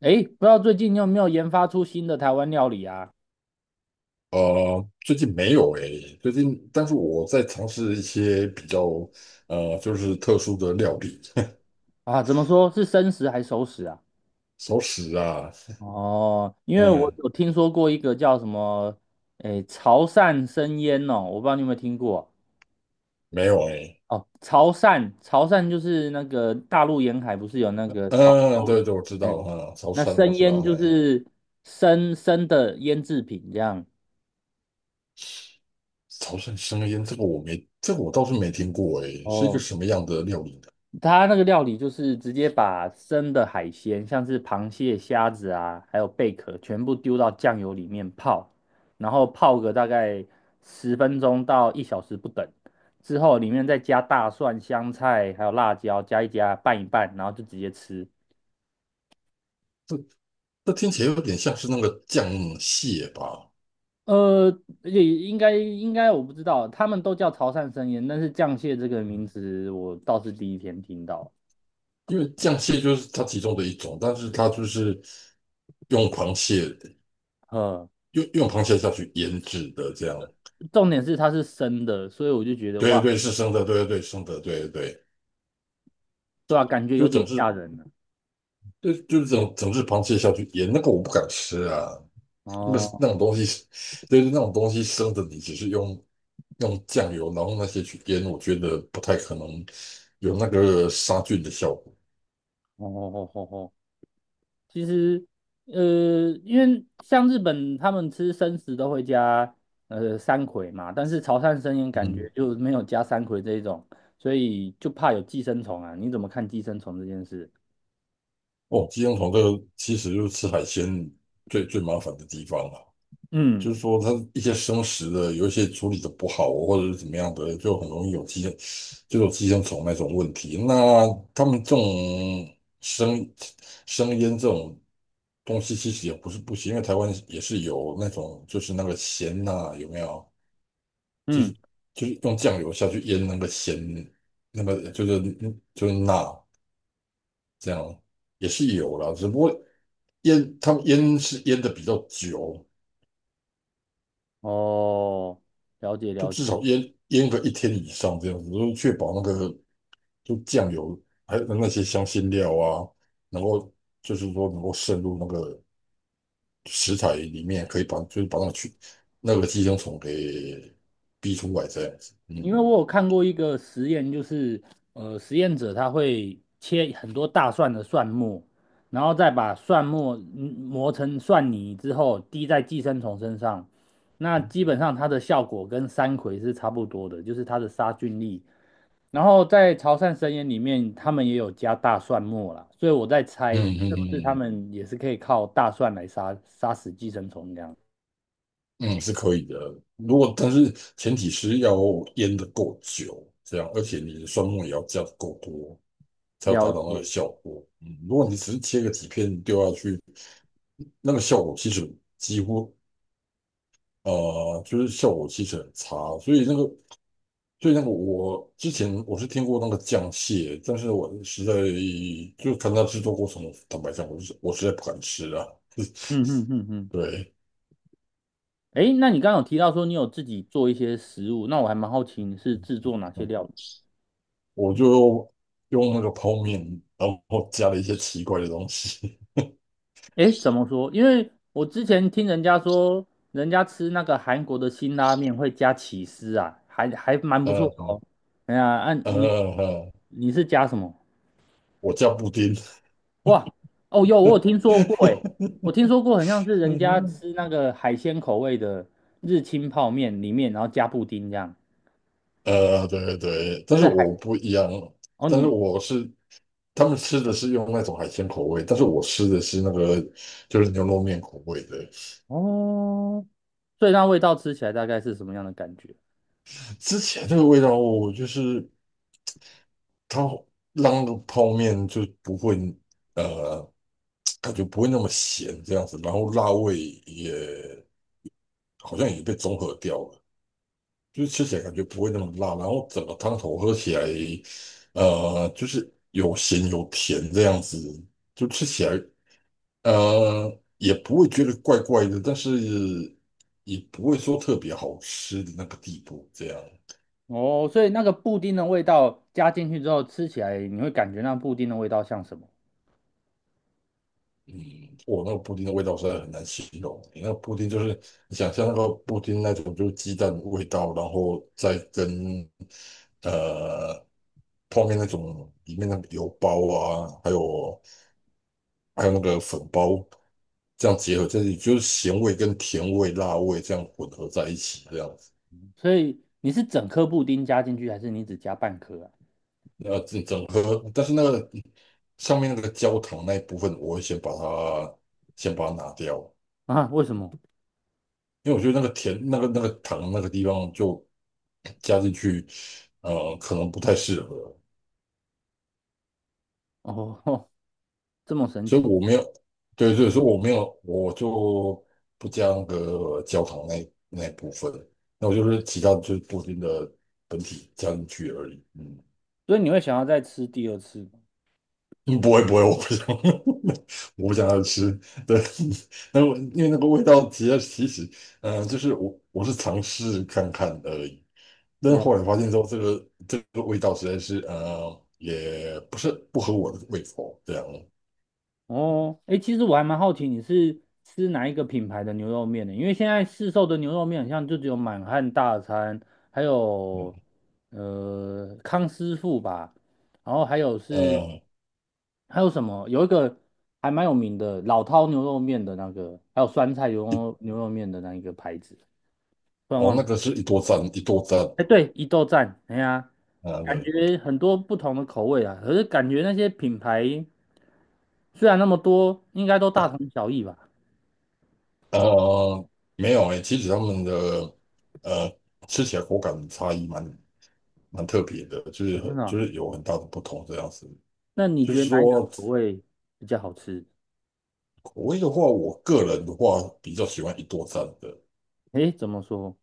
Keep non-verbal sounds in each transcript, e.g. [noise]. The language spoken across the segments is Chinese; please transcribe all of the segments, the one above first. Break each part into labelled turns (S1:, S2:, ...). S1: 诶，不知道最近你有没有研发出新的台湾料理啊？
S2: 最近没有诶，但是我在尝试一些比较就是特殊的料理。
S1: 啊，怎么说是生食还是熟食啊？
S2: [laughs] 熟食啊。
S1: 哦，因为我
S2: 嗯，
S1: 有听说过一个叫什么，诶，潮汕生腌哦，我不知道你有没有听过
S2: 没有诶。
S1: 哦。潮汕，潮汕就是那个大陆沿海不是有那个潮
S2: 嗯，
S1: 州？
S2: 对对，我知道，
S1: 诶，
S2: 嗯，潮
S1: 那
S2: 汕我
S1: 生
S2: 知道。
S1: 腌就
S2: 哎，
S1: 是生的腌制品这样。
S2: 潮汕生腌这个我没，这个我倒是没听过诶，是一个
S1: 哦，
S2: 什么样的料理呢？
S1: 它那个料理就是直接把生的海鲜，像是螃蟹、虾子啊，还有贝壳，全部丢到酱油里面泡，然后泡个大概10分钟到1小时不等。之后里面再加大蒜、香菜，还有辣椒，加一加，拌一拌，然后就直接吃。
S2: 这这听起来有点像是那个酱蟹吧。
S1: 呃，也应该我不知道，他们都叫潮汕生腌，但是酱蟹这个名
S2: 嗯
S1: 词我倒是第1天听到。
S2: 因为酱蟹就是它其中的一种，但是它就是用螃蟹。
S1: 呃，
S2: 用螃蟹下去腌制的，这样。
S1: 重点是它是生的，所以我就觉得
S2: 对对
S1: 哇，
S2: 对，是生的，对对对，生的，对对对。
S1: 对啊，感觉有
S2: 就整
S1: 点吓
S2: 只，
S1: 人了。
S2: 就是整整只螃蟹下去腌，那个我不敢吃啊。那个那
S1: 哦
S2: 种东西，对对，那种东西生的，你只是用酱油，然后那些去腌，我觉得不太可能有那个杀菌的效果。
S1: 哦哦哦哦，哦其实因为像日本他们吃生食都会加山葵嘛，但是潮汕生腌感觉
S2: 嗯。
S1: 就没有加山葵这一种，所以就怕有寄生虫啊。你怎么看寄生虫这件事？
S2: 哦，寄生虫这个其实就是吃海鲜最最麻烦的地方了。
S1: 嗯
S2: 就是说它一些生食的有一些处理的不好，或者是怎么样的，就很容易有寄生虫那种问题。那他们这种生生腌这种东西其实也不是不行，因为台湾也是有那种就是那个咸呐，有没有？就是
S1: 嗯，
S2: 就是用酱油下去腌那个咸，那个就是钠这样也是有啦，只不过他们腌是腌的比较久。
S1: 哦，了解
S2: 都
S1: 了
S2: 至少
S1: 解。
S2: 腌腌个一天以上这样子，就确保那个就酱油还有那些香辛料啊，能够就是说能够渗入那个食材里面，可以把就是把那个去那个寄生虫给逼出来这样子。
S1: 因为
S2: 嗯
S1: 我有看过一个实验，就是实验者他会切很多大蒜的蒜末，然后再把蒜末磨成蒜泥之后滴在寄生虫身上，那
S2: 嗯
S1: 基本上它的效果跟山葵是差不多的，就是它的杀菌力。然后在潮汕神盐里面，他们也有加大蒜末啦，所以我在猜
S2: 嗯
S1: 是不是他
S2: 嗯
S1: 们也是可以靠大蒜来杀死寄生虫这样。
S2: 嗯嗯，是可以的。但是前提是要腌的够久，这样，而且你的蒜末也要加的够多，才有达
S1: 了
S2: 到那个
S1: 解，
S2: 效果。嗯，如果你只是切个几片丢下去。那个效果其实几乎就是效果其实很差，所以那个我之前我是听过那个酱蟹，但是我实在就看它制作过程，坦白讲，我实在不敢吃啊。[laughs]
S1: 嗯嗯嗯嗯。
S2: 对。
S1: 诶，那你刚刚有提到说你有自己做一些食物，那我还蛮好奇你是制作哪些
S2: 嗯，
S1: 料理？
S2: 我就用那个泡面，然后加了一些奇怪的东西。
S1: 诶，怎么说？因为我之前听人家说，人家吃那个韩国的辛拉面会加起司啊，还蛮
S2: [laughs]
S1: 不错的
S2: 呃
S1: 哦。哎呀，啊，
S2: 呃呃，
S1: 你是加什么？
S2: 我加布丁。
S1: 哇，哦，有我有听说
S2: [laughs]
S1: 过，诶，我听说过，很像是人家
S2: 嗯
S1: 吃那个海鲜口味的日清泡面里面，然后加布丁这样，
S2: 对对对，
S1: 就
S2: 但是
S1: 是海，
S2: 我不一样，
S1: 哦
S2: 但是
S1: 你
S2: 他们吃的是用那种海鲜口味，但是我吃的是那个就是牛肉面口味的。
S1: 哦，所以那味道吃起来大概是什么样的感觉？
S2: 之前那个味道，我就是它让泡面就不会呃感觉不会那么咸这样子，然后辣味也好像也被综合掉了，就是吃起来感觉不会那么辣，然后整个汤头喝起来就是有咸有甜这样子，就吃起来。也不会觉得怪怪的，但是也不会说特别好吃的那个地步，这样。
S1: 哦，所以那个布丁的味道加进去之后，吃起来你会感觉那布丁的味道像什么？
S2: 嗯，我那个布丁的味道实在很难形容。你那个布丁就是你想象那个布丁那种，就是鸡蛋的味道，然后再跟呃泡面那种里面那个油包啊，还有那个粉包这样结合在一起，就是咸味跟甜味、辣味这样混合在一起，这样。
S1: 所以你是整颗布丁加进去，还是你只加半颗啊？
S2: 整整合，但是那个上面那个焦糖那一部分，我会先把它拿掉，
S1: [laughs] 啊，为什么？
S2: 因为我觉得那个甜那个糖那个地方就加进去，可能不太适合。
S1: 哦，[laughs] 这么神
S2: 所以
S1: 奇，
S2: 我没有，对对，所以我没有，我就不加那个焦糖那一部分，那我就是其他就是布丁的本体加进去而已。嗯。
S1: 所以你会想要再吃第2次吗？
S2: 嗯，不会不会，我不想，[laughs] 我不想要吃。对。[laughs] 那我因为那个味道其实，就是我是尝试看看而已，但是
S1: 了
S2: 后来
S1: 解。
S2: 发现说这个味道实在是也不是不合我的胃口这样。
S1: 哦，哎，其实我还蛮好奇你是吃哪一个品牌的牛肉面的，因为现在市售的牛肉面好像就只有满汉大餐，还有
S2: 嗯
S1: 康师傅吧，然后还有是
S2: 呃
S1: 还有什么，有一个还蛮有名的老饕牛肉面的那个，还有酸菜牛
S2: 一
S1: 肉牛肉面的那一个牌子，突然
S2: 哦
S1: 忘
S2: 那个
S1: 记。
S2: 是一多赞一多赞。
S1: 哎，对，一豆站，哎呀，
S2: 啊，
S1: 感
S2: 对。
S1: 觉很多不同的口味啊，可是感觉那些品牌虽然那么多，应该都大同小异吧。
S2: 呃没有诶，其实他们的呃吃起来口感差异蛮特别的，就
S1: 哦真
S2: 是
S1: 的
S2: 就
S1: 啊
S2: 是有很大的不同这样子。
S1: 那你
S2: 就
S1: 觉
S2: 是
S1: 得哪一个
S2: 说，
S1: 口味比较好吃？
S2: 口味的话，我个人的话比较喜欢一多餐的。
S1: 诶，怎么说？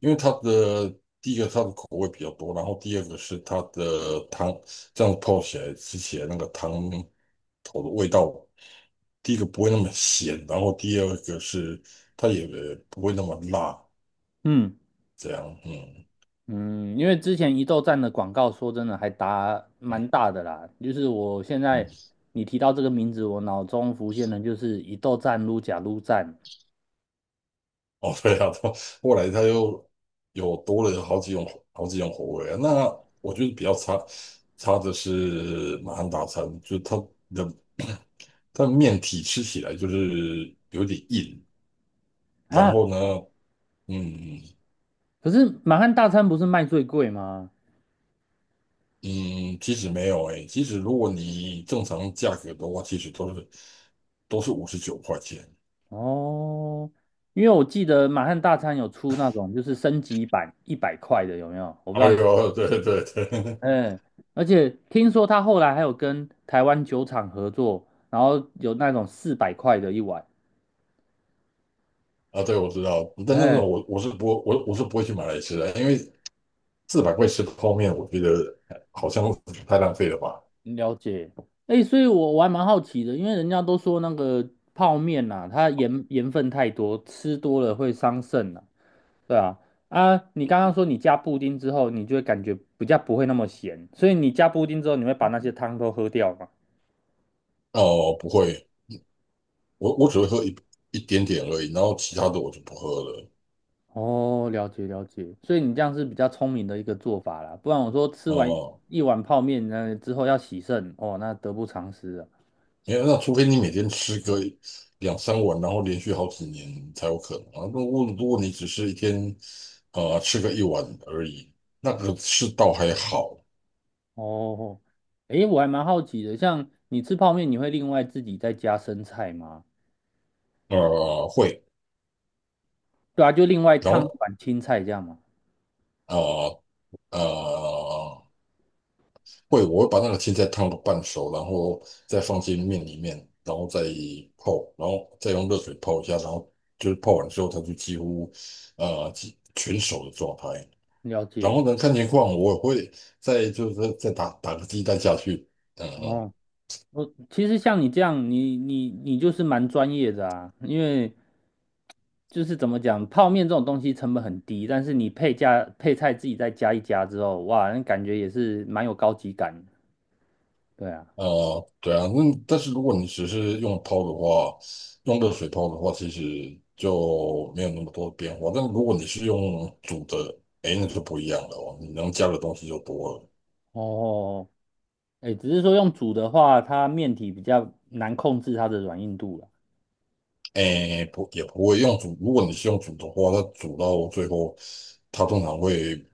S2: 因为第一个它的口味比较多，然后第二个是它的汤，这样泡起来吃起来那个汤头的味道，第一个不会那么咸，然后第二个是它也不会那么辣，
S1: 嗯
S2: 这样。嗯
S1: 嗯，因为之前一豆站的广告，说真的还打蛮大的啦。就是我现在
S2: 嗯。
S1: 你提到这个名字，我脑中浮现的就是一豆站、撸假撸站
S2: 哦，对啊，到后来它又有多了好几种口味啊。那我觉得比较差的是马汉大餐，就是它的 [clears throat] 它的面体吃起来就是有点硬，然
S1: 啊。
S2: 后呢。嗯
S1: 可是满汉大餐不是卖最贵吗？
S2: 嗯，其实没有诶，其实如果你正常价格的话，其实都是59块钱。
S1: 哦，因为我记得满汉大餐有出那种就是升级版100块的，有没有？我不知
S2: 哎
S1: 道。
S2: 呦，对对对，
S1: 嗯，而且听说他后来还有跟台湾酒厂合作，然后有那种400块的一碗。
S2: [laughs] 啊，对，我知道，但那种
S1: 嗯，
S2: 我是不会去买来吃的，因为400块吃泡面，我觉得好像太浪费了吧？
S1: 了解。哎，所以我还蛮好奇的，因为人家都说那个泡面呐、它盐分太多，吃多了会伤肾呐、对啊，啊，你刚刚说你加布丁之后，你就会感觉比较不会那么咸，所以你加布丁之后，你会把那些汤都喝掉吗？
S2: 哦，不会，我只会喝一点点而已，然后其他的我就不喝了。
S1: 哦，了解了解，所以你这样是比较聪明的一个做法啦，不然我说吃完
S2: 哦，
S1: 一碗泡面，那之后要洗肾，哦，那得不偿失啊。
S2: 因为那除非你每天吃个两三碗，然后连续好几年才有可能啊。如果你只是一天吃个一碗而已，那个是倒还好。
S1: 哦，诶，我还蛮好奇的，像你吃泡面，你会另外自己再加生菜吗？
S2: 会。
S1: 对啊，就另外
S2: 然
S1: 烫一
S2: 后
S1: 碗青菜这样吗？
S2: 呃呃会，我会把那个青菜烫到半熟，然后再放进面里面，然后再泡，然后再用热水泡一下，然后就是泡完之后，它就几乎全熟的状态。
S1: 了
S2: 然
S1: 解。
S2: 后呢，看情况，我也会再就是再打打个鸡蛋下去。嗯嗯。
S1: 哦。我其实像你这样，你就是蛮专业的啊，因为就是怎么讲，泡面这种东西成本很低，但是你配加配菜自己再加一加之后，哇，那感觉也是蛮有高级感的对啊，
S2: 对啊，那但是如果你只是用泡的话，用热水泡的话，其实就没有那么多变化。但如果你是用煮的，哎，那就不一样了哦，你能加的东西就多了。
S1: 哦，哎，只是说用煮的话，它面体比较难控制它的软硬度了。
S2: 诶，不，也不会用煮。如果你是用煮的话，它煮到最后，它通常会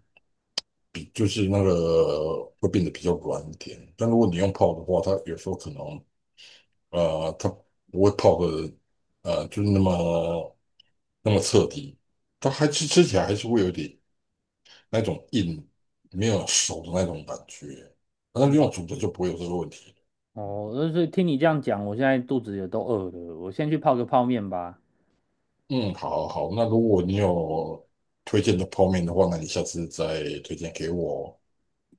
S2: 比就是那个会变得比较软一点。但如果你用泡的话，它有时候可能它不会泡的就是那么彻底。它还吃起来还是会有点那种硬，没有熟的那种感觉。但是用
S1: 了
S2: 煮的就不会有这个问题。
S1: 哦，就是听你这样讲，我现在肚子也都饿了，我先去泡个泡面吧。
S2: 嗯，好好，那如果你有推荐的泡面的话，那你下次再推荐给我哦。